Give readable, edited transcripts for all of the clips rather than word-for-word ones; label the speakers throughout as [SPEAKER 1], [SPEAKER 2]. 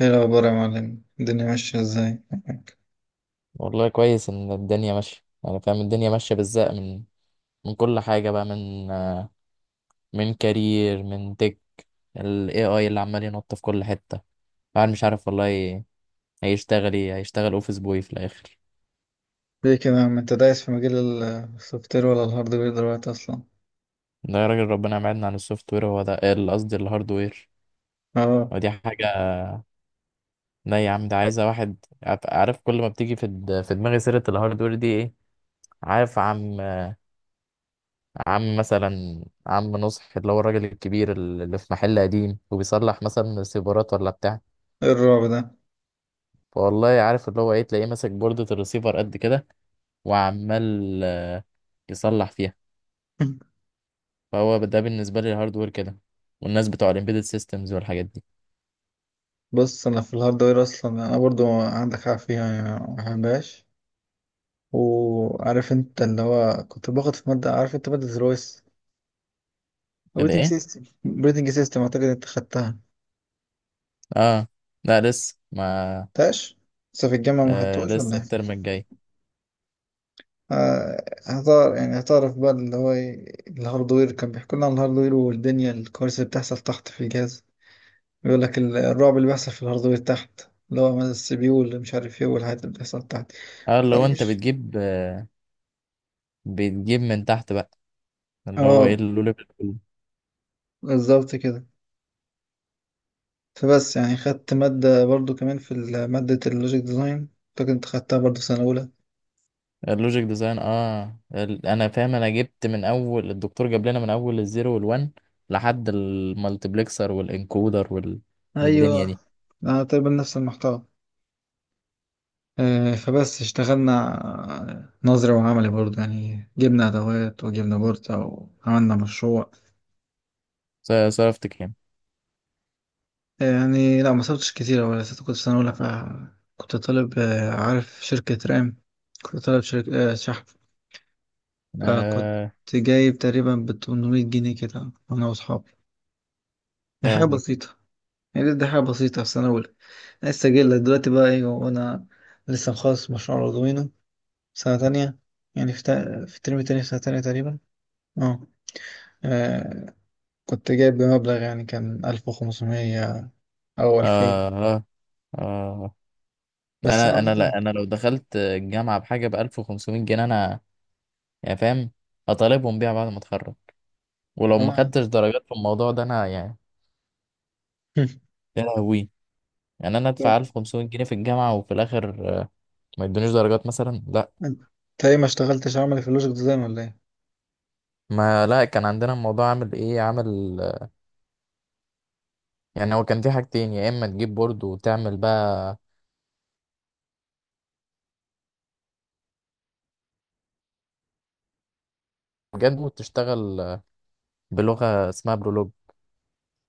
[SPEAKER 1] ايه الاخبار يا معلم؟ الدنيا ماشيه ازاي معاك؟
[SPEAKER 2] والله كويس ان الدنيا ماشيه، يعني فاهم. الدنيا ماشيه بالزق من كل حاجه بقى، من من كارير، من تك ال AI اللي عمال ينط في كل حته. الواحد مش عارف والله، هيشتغل ايه، هيشتغل اوفيس بوي في الاخر.
[SPEAKER 1] ليه كده يا عم؟ انت دايس في مجال السوفت وير ولا الهاردوير دلوقتي اصلا؟
[SPEAKER 2] ده يا راجل ربنا يبعدنا عن السوفت وير، هو ده قصدي الهارد وير،
[SPEAKER 1] اه،
[SPEAKER 2] ودي حاجه. لا يا عم، ده عايزه واحد عارف كل ما بتيجي في في دماغي سيره الهارد وير دي ايه. عارف عم مثلا عم نصح، اللي هو الراجل الكبير اللي في محل قديم وبيصلح مثلا سيبرات ولا بتاع.
[SPEAKER 1] ايه الرعب ده؟
[SPEAKER 2] والله عارف، اللي هو ايه، تلاقيه ماسك بوردة الريسيفر قد كده، وعمال يصلح فيها. فهو ده بالنسبة لي الهاردوير كده، والناس بتوع الامبيدد سيستمز والحاجات دي.
[SPEAKER 1] بص، انا في الهاردوير اصلا انا برضو عندك حق فيها يا حباش. وعارف انت اللي هو كنت باخد في ماده، عارف انت ماده الرويس،
[SPEAKER 2] كده
[SPEAKER 1] اوبريتنج
[SPEAKER 2] ايه؟
[SPEAKER 1] سيستم اوبريتنج سيستم اعتقد انت خدتها.
[SPEAKER 2] اه. لا لسه ما.
[SPEAKER 1] تاش، لسه في الجامعه ما
[SPEAKER 2] آه
[SPEAKER 1] خدتوش ولا
[SPEAKER 2] لسه
[SPEAKER 1] إيه؟
[SPEAKER 2] الترم الجاي.
[SPEAKER 1] آه، هزار يعني، هزار في بال اللي هو إيه، الهاردوير كان بيحكوا لنا عن الهاردوير والدنيا، الكوارث اللي بتحصل تحت في الجهاز. بيقول لك الرعب اللي بيحصل في الهاردوير تحت، اللي هو مثلا السي بي يو اللي مش عارف ايه، والحاجات اللي بتحصل تحت.
[SPEAKER 2] اه، اللي
[SPEAKER 1] طيب،
[SPEAKER 2] هو انت
[SPEAKER 1] ماشي.
[SPEAKER 2] بتجيب من تحت بقى، اللي هو ايه،
[SPEAKER 1] اه، بالظبط كده. فبس يعني خدت مادة برضو كمان في مادة اللوجيك ديزاين، كنت خدتها برضو في سنة أولى.
[SPEAKER 2] اللوجيك ديزاين. اه، انا فاهم، انا جبت من اول، الدكتور جاب لنا من اول الزيرو والوان لحد المالتيبلكسر والانكودر وال... والدنيا
[SPEAKER 1] ايوه،
[SPEAKER 2] دي.
[SPEAKER 1] أنا تقريبا نفس المحتوى. فبس اشتغلنا نظري وعملي برضه، يعني جبنا أدوات وجبنا بورصة وعملنا مشروع.
[SPEAKER 2] صرفت كام؟
[SPEAKER 1] يعني لا، ما صرفتش كتير ولا، لسه كنت في سنة أولى، فكنت طالب، عارف شركة رام، كنت طالب شركة شحن، فكنت
[SPEAKER 2] آه.
[SPEAKER 1] جايب تقريبا بتمنمية جنيه كده أنا وأصحابي. دي
[SPEAKER 2] يا
[SPEAKER 1] حاجة
[SPEAKER 2] هوي.
[SPEAKER 1] بسيطة، يعني دي حاجة بسيطة في سنة أولى. أنا لسه جاي لك دلوقتي بقى إيه، وأنا لسه مخلص مشروع أردوينو سنة تانية. يعني في في الترم التاني في سنة تانية تقريبا. اه، آه، كنت جايب بمبلغ يعني كان 1500 أو 2000.
[SPEAKER 2] آه. آه. آه.
[SPEAKER 1] بس أنا
[SPEAKER 2] أنا،
[SPEAKER 1] عامة
[SPEAKER 2] لا، أنا لو دخلت الجامعة بحاجة ب 1500 جنيه، أنا يعني فاهم هطالبهم بيها بعد ما أتخرج. ولو ما
[SPEAKER 1] آه.
[SPEAKER 2] خدتش درجات في الموضوع ده، أنا يعني. يا لهوي. يعني أنا
[SPEAKER 1] طب،
[SPEAKER 2] أدفع 1500 جنيه في الجامعة وفي الآخر ما يدونيش درجات مثلا؟ لا.
[SPEAKER 1] أنت أنت إيه، ما اشتغلتش عملي في اللوجيك ديزاين ولا إيه؟
[SPEAKER 2] ما لا، كان عندنا الموضوع عامل إيه، عامل يعني، هو كان في حاجتين، يا إما تجيب بورد وتعمل بقى بجد، وتشتغل بلغة اسمها برولوج.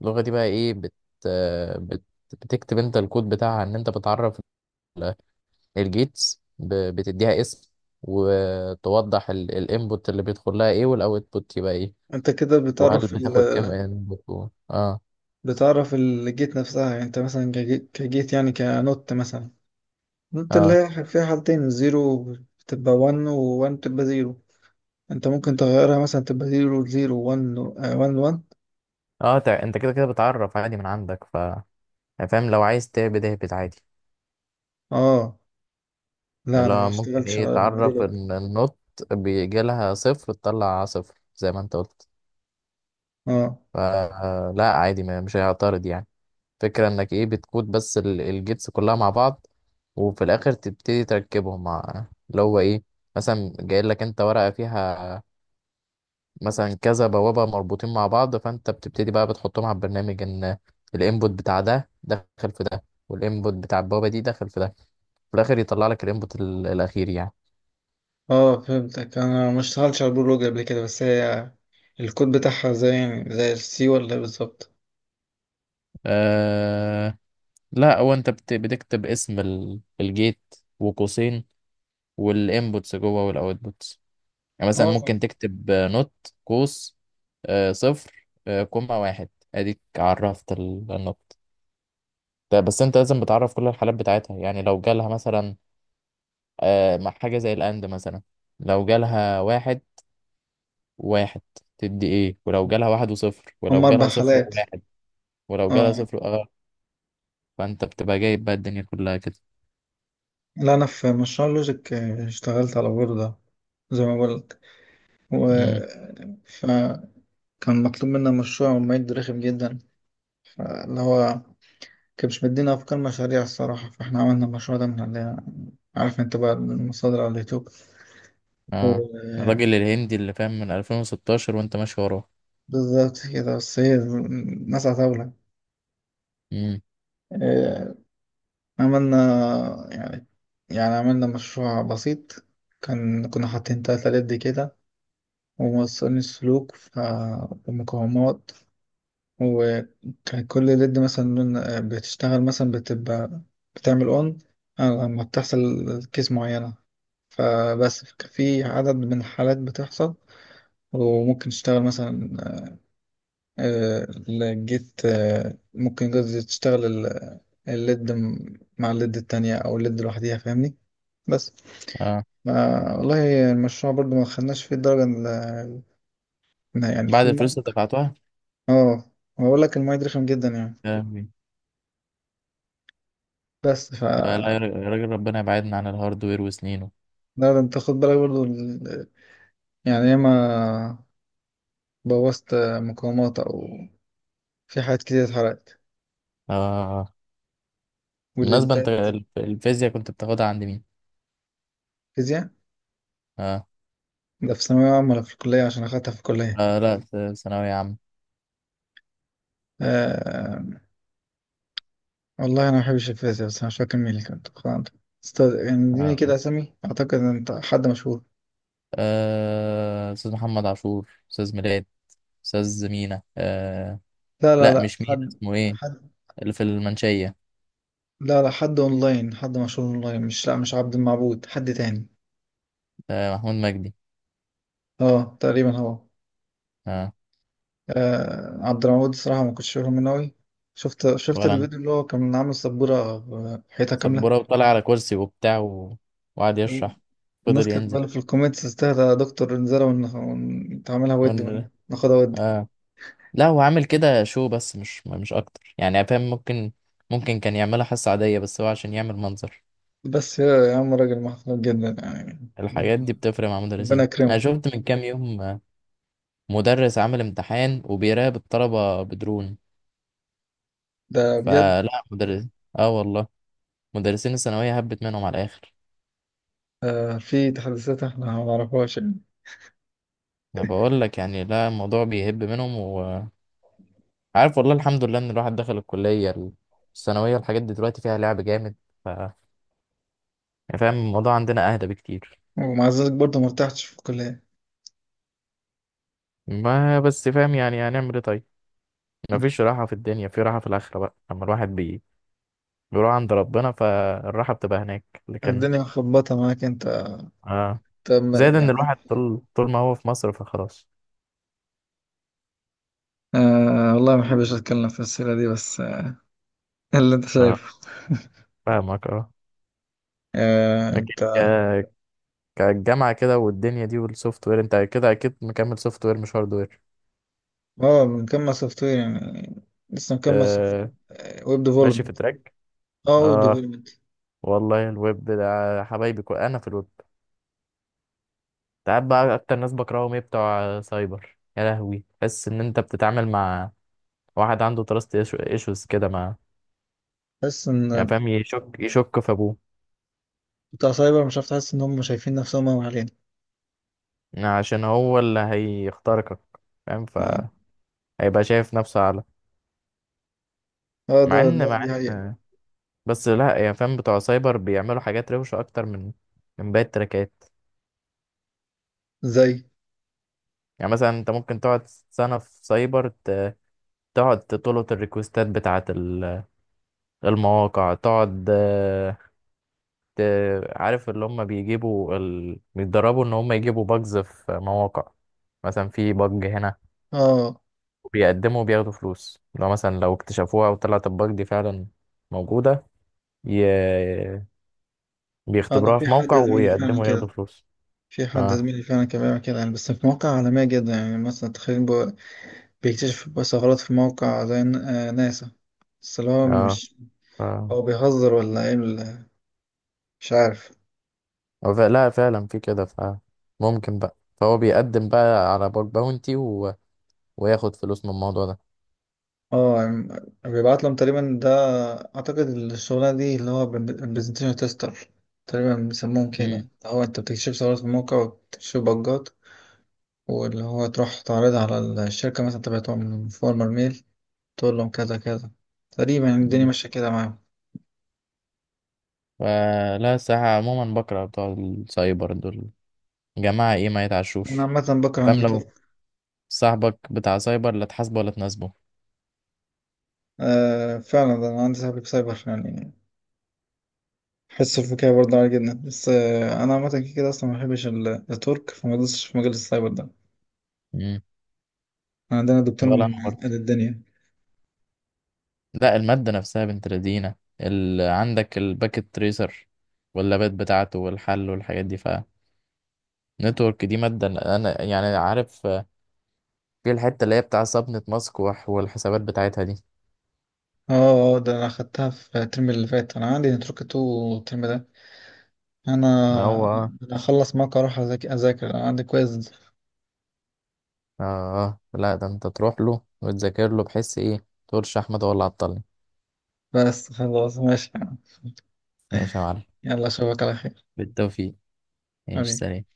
[SPEAKER 2] اللغة دي بقى ايه، بت... بتكتب انت الكود بتاعها، ان انت بتعرف ال- الجيتس، بتديها اسم، وتوضح الانبوت اللي بيدخل لها ايه والاوتبوت يبقى ايه.
[SPEAKER 1] أنت كده
[SPEAKER 2] وهل
[SPEAKER 1] بتعرف
[SPEAKER 2] بتاخد كام انبوت اه
[SPEAKER 1] بتعرف الجيت نفسها. يعني أنت مثلا كجيت، يعني كنوت مثلا، نوت اللي
[SPEAKER 2] اه.
[SPEAKER 1] هي فيها حالتين، الزيرو بتبقى 1 و1 بتبقى زيرو. أنت ممكن تغيرها مثلا تبقى زيرو زيرو 1 1 1.
[SPEAKER 2] اه، انت كده كده بتعرف عادي من عندك، ف يعني فاهم، لو عايز تهبد اهبد عادي.
[SPEAKER 1] آه، لا،
[SPEAKER 2] اللي
[SPEAKER 1] أنا ما
[SPEAKER 2] هو ممكن
[SPEAKER 1] اشتغلتش
[SPEAKER 2] ايه،
[SPEAKER 1] على
[SPEAKER 2] تعرف
[SPEAKER 1] البرودكت.
[SPEAKER 2] ان النوت بيجي لها صفر تطلع صفر زي ما انت قلت.
[SPEAKER 1] آه،
[SPEAKER 2] فلا عادي، مش هيعترض يعني. فكرة انك ايه، بتكود بس الجيتس كلها مع بعض، وفي الاخر تبتدي تركبهم مع اللي هو ايه. مثلا جاي لك انت ورقة فيها مثلا كذا بوابة مربوطين مع بعض، فانت بتبتدي بقى بتحطهم على البرنامج، ان الانبوت بتاع ده دخل في ده، والانبوت بتاع البوابة دي دخل في ده، في الاخر يطلع لك الانبوت الاخير يعني.
[SPEAKER 1] اه فهمتك. انا ما اشتغلتش على البرولوج قبل كده، بس هي الكود بتاعها زي، يعني زي السي ولا إيه بالظبط؟
[SPEAKER 2] آه لا، هو انت بتكتب اسم الجيت وقوسين، والانبوتس جوه والاوتبوتس. يعني مثلا
[SPEAKER 1] اه،
[SPEAKER 2] ممكن تكتب نوت قوس صفر كوما واحد، اديك عرفت النوت ده. بس انت لازم بتعرف كل الحالات بتاعتها، يعني لو جالها مثلا مع حاجة زي الاند مثلا، لو جالها واحد واحد تدي ايه، ولو جالها واحد وصفر،
[SPEAKER 1] هم
[SPEAKER 2] ولو
[SPEAKER 1] اربع
[SPEAKER 2] جالها صفر
[SPEAKER 1] حالات
[SPEAKER 2] وواحد، ولو جالها
[SPEAKER 1] اه،
[SPEAKER 2] صفر. اه. فانت بتبقى جايب بقى الدنيا كلها كده.
[SPEAKER 1] لا انا في مشروع لوجيك، آه، اشتغلت على بوردة زي ما قلت. و،
[SPEAKER 2] امم.
[SPEAKER 1] فكان مطلوب منا مشروع، ومعد رخم جدا، اللي هو كان مش مدينا افكار مشاريع الصراحة، فاحنا عملنا المشروع ده من اللي، عارف انت بقى، من المصادر على اليوتيوب.
[SPEAKER 2] اه،
[SPEAKER 1] و-
[SPEAKER 2] الراجل الهندي اللي فاهم من 2016 وانت ماشي وراه.
[SPEAKER 1] بالظبط كده، بس هي ناس عتاولة.
[SPEAKER 2] امم.
[SPEAKER 1] آه، عملنا، يعني، عملنا مشروع بسيط. كان كنا حاطين 3 لد كده، وموصلين السلوك ومقاومات. وكان كل لد مثلا بتشتغل مثلا، بتبقى بتعمل اون لما بتحصل كيس معينة. فبس كان في عدد من الحالات بتحصل، وممكن تشتغل مثلا، آه، الجيت، آه، ممكن قصدي تشتغل الليد مع الليد التانية، أو الليد لوحديها فاهمني. بس،
[SPEAKER 2] اه،
[SPEAKER 1] ما والله المشروع برضو ما خدناش فيه الدرجة يعني
[SPEAKER 2] بعد
[SPEAKER 1] الفول
[SPEAKER 2] الفلوس اللي
[SPEAKER 1] مارك.
[SPEAKER 2] دفعتها؟
[SPEAKER 1] اه، بقول لك الماية دي رخم جدا يعني. بس ف،
[SPEAKER 2] فلا يا راجل، ربنا يبعدنا عن الهاردوير وسنينه.
[SPEAKER 1] ده انت خد بالك برضو يعني ياما بوظت مقاومات، او في حاجات كتير اتحرقت
[SPEAKER 2] آه
[SPEAKER 1] واللي
[SPEAKER 2] بالمناسبة، انت
[SPEAKER 1] اتضايقت.
[SPEAKER 2] الفيزياء كنت بتاخدها عند مين؟
[SPEAKER 1] فيزياء؟
[SPEAKER 2] آه.
[SPEAKER 1] ده في ثانوية عامة ولا في الكلية؟ عشان أخدتها في الكلية.
[SPEAKER 2] آه، لا، ثانوية عامة.
[SPEAKER 1] آه، والله أنا ما بحبش الفيزياء، بس أنا مش فاكر مين اللي كان بتاخدها عندنا. استاذ يعني اديني كده
[SPEAKER 2] آه.
[SPEAKER 1] أسامي، أعتقد إن أنت حد مشهور.
[SPEAKER 2] آه، أستاذ محمد عاشور، أستاذ ميلاد، أستاذ مينا.
[SPEAKER 1] لا لا،
[SPEAKER 2] لا
[SPEAKER 1] لا
[SPEAKER 2] مش مينا، اسمه ايه،
[SPEAKER 1] حد،
[SPEAKER 2] اللي في المنشية.
[SPEAKER 1] لا لا، حد اونلاين، حد مشهور اونلاين، مش، لا مش عبد المعبود، حد تاني.
[SPEAKER 2] آه، محمود مجدي.
[SPEAKER 1] اه تقريبا هو.
[SPEAKER 2] آه.
[SPEAKER 1] آه، عبد المعبود الصراحة ما كنتش فاهم منه أوي. شفت
[SPEAKER 2] ولا أنا.
[SPEAKER 1] الفيديو اللي هو كان عامل سبورة حيطة كاملة.
[SPEAKER 2] سبورة، وطلع على كرسي وبتاع وقعد يشرح،
[SPEAKER 1] الناس
[SPEAKER 2] فضل
[SPEAKER 1] كانت
[SPEAKER 2] ينزل.
[SPEAKER 1] بقى في الكومنتس، استهدى يا دكتور، انزلها ونتعاملها ود،
[SPEAKER 2] ولا-
[SPEAKER 1] ناخدها ود.
[SPEAKER 2] آه لا، هو عامل كده شو، بس مش اكتر يعني، فاهم. ممكن كان يعملها حصة عادية، بس هو عشان يعمل منظر.
[SPEAKER 1] بس يا عم راجل محترم جدا يعني،
[SPEAKER 2] الحاجات دي
[SPEAKER 1] ربنا،
[SPEAKER 2] بتفرق مع
[SPEAKER 1] ربنا
[SPEAKER 2] مدرسين، انا
[SPEAKER 1] يكرمه
[SPEAKER 2] شفت من كام يوم مدرس عامل امتحان وبيراقب الطلبة بدرون.
[SPEAKER 1] ده بجد.
[SPEAKER 2] فلا مدرس. اه والله، مدرسين الثانوية هبت منهم على الاخر.
[SPEAKER 1] آه، في تحديثات احنا ما نعرفهاش يعني.
[SPEAKER 2] انا بقول لك يعني، لا، الموضوع بيهب منهم وعارف، والله الحمد لله ان الواحد دخل الكلية. الثانوية الحاجات دي دلوقتي فيها لعب جامد، ف يعني فاهم الموضوع عندنا اهدى بكتير.
[SPEAKER 1] ومع ذلك برضه ما ارتحتش في الكلية.
[SPEAKER 2] ما بس فاهم، يعني هنعمل ايه طيب. مفيش راحة في الدنيا، في راحة في الآخرة بقى، لما الواحد بيروح عند ربنا فالراحة بتبقى هناك، لكن.
[SPEAKER 1] الدنيا مخبطة معاك انت.
[SPEAKER 2] آه.
[SPEAKER 1] طب
[SPEAKER 2] زائد إن
[SPEAKER 1] يعني،
[SPEAKER 2] الواحد طول ما هو في مصر فخلاص.
[SPEAKER 1] آه والله ما بحبش اتكلم في السيرة دي، بس آه، اللي انت
[SPEAKER 2] آه.
[SPEAKER 1] شايفه.
[SPEAKER 2] فاهمك. آه،
[SPEAKER 1] آه،
[SPEAKER 2] لكن
[SPEAKER 1] انت،
[SPEAKER 2] كالجامعة كده والدنيا دي والسوفت وير، أنت كده أكيد مكمل سوفت وير مش هارد وير.
[SPEAKER 1] اه مكمل سوفت وير يعني، لسه
[SPEAKER 2] ت...
[SPEAKER 1] مكمل سوفت، ويب
[SPEAKER 2] ماشي في
[SPEAKER 1] ديفلوبمنت.
[SPEAKER 2] تراك.
[SPEAKER 1] اه، ويب
[SPEAKER 2] آه.
[SPEAKER 1] ديفلوبمنت.
[SPEAKER 2] والله الويب ده حبايبي، أنا في الويب. أنت عارف بقى أكتر ناس بكرههم إيه؟ بتوع سايبر. يا لهوي، تحس إن أنت بتتعامل مع واحد عنده تراست ايشوز كده، ما
[SPEAKER 1] حاسس ان
[SPEAKER 2] يعني فاهم، يشك في ابوه.
[SPEAKER 1] بتاع سايبر، مش عارف، تحس ان هم شايفين نفسهم قوي علينا.
[SPEAKER 2] عشان هو اللي هيخترقك، فاهم،
[SPEAKER 1] اه،
[SPEAKER 2] فهيبقى شايف نفسه اعلى.
[SPEAKER 1] آه، ده
[SPEAKER 2] مع
[SPEAKER 1] ده
[SPEAKER 2] ان مع
[SPEAKER 1] دي حقيقة.
[SPEAKER 2] ان بس لا، يعني فاهم، بتوع سايبر بيعملوا حاجات روشة اكتر من باقي التراكات.
[SPEAKER 1] زي،
[SPEAKER 2] يعني مثلا انت ممكن تقعد سنة في سايبر، تقعد تطلب الريكوستات بتاعة المواقع، تقعد عارف اللي هم بيجيبوا بيتدربوا ان هم يجيبوا باجز في مواقع، مثلا في باج هنا،
[SPEAKER 1] اه،
[SPEAKER 2] بيقدموا وبياخدوا فلوس لو مثلا لو اكتشفوها وطلعت الباج دي فعلا موجودة. ي...
[SPEAKER 1] آه، انا
[SPEAKER 2] بيختبروها
[SPEAKER 1] في
[SPEAKER 2] في
[SPEAKER 1] حد
[SPEAKER 2] موقع
[SPEAKER 1] زميلي فعلا
[SPEAKER 2] ويقدموا ياخدوا
[SPEAKER 1] كده.
[SPEAKER 2] فلوس.
[SPEAKER 1] في حد
[SPEAKER 2] اه.
[SPEAKER 1] زميلي فعلا كان بيعمل كده يعني، بس في مواقع عالمية جدا يعني، مثلا تخيل، بيكتشف ثغرات في موقع زي آه، ناسا. بس اللي هو
[SPEAKER 2] اه.
[SPEAKER 1] مش،
[SPEAKER 2] اه.
[SPEAKER 1] هو بيهزر ولا ايه مش عارف.
[SPEAKER 2] لا، فعلا في كده، ف ممكن بقى، فهو بيقدم بقى على باج باونتي وياخد فلوس من الموضوع ده.
[SPEAKER 1] اه، بيبعت لهم تقريبا. ده اعتقد الشغلانه دي اللي هو برزنتيشن تيستر تقريبا بيسموهم كده.
[SPEAKER 2] امم.
[SPEAKER 1] هو انت بتكشف ثغرات في الموقع وبتكشف بجات، واللي هو تروح تعرضها على الشركه، مثلا تبعتهم فورمر ميل، تقول لهم كذا كذا. تقريبا يعني الدنيا ماشيه كده معاهم.
[SPEAKER 2] لا، الصراحة عموما بكره بتوع السايبر دول، جماعة ايه، ما
[SPEAKER 1] انا
[SPEAKER 2] يتعشوش.
[SPEAKER 1] عامه بكره
[SPEAKER 2] فاهم،
[SPEAKER 1] النتورك.
[SPEAKER 2] لو صاحبك بتاع سايبر لا تحاسبه ولا تناسبه.
[SPEAKER 1] آه فعلا، ده انا عندي صاحبي في سايبر يعني، حس الفكاهة برضه عالي جدا. بس آه، انا عامه كده اصلا ما بحبش النتورك، فما دوستش في مجال السايبر ده.
[SPEAKER 2] امم.
[SPEAKER 1] عندنا دكتور
[SPEAKER 2] ولا انا
[SPEAKER 1] معقد
[SPEAKER 2] برضه.
[SPEAKER 1] الدنيا.
[SPEAKER 2] لا، المادة نفسها بنت لذينة، عندك الباكت تريسر واللابات بتاعته والحل والحاجات دي. فنتورك دي مادة، أنا يعني عارف في الحتة اللي هي بتاع صبنة مسكوح والحسابات بتاعتها دي.
[SPEAKER 1] اه، ده انا اخدتها في الترم اللي فات، انا عندي نتركة تو الترم ده. انا
[SPEAKER 2] إن هو
[SPEAKER 1] انا اخلص معاك اروح اذاكر، انا عندي كويز.
[SPEAKER 2] لا، ده أنت تروح له وتذاكر له، بحيث إيه تقولش أحمد هو اللي عطلني.
[SPEAKER 1] بس خلاص، ماشي.
[SPEAKER 2] ماشي يا معلم.
[SPEAKER 1] يلا اشوفك على خير،
[SPEAKER 2] بالتوفيق. ماشي
[SPEAKER 1] حبيبي.
[SPEAKER 2] سلام.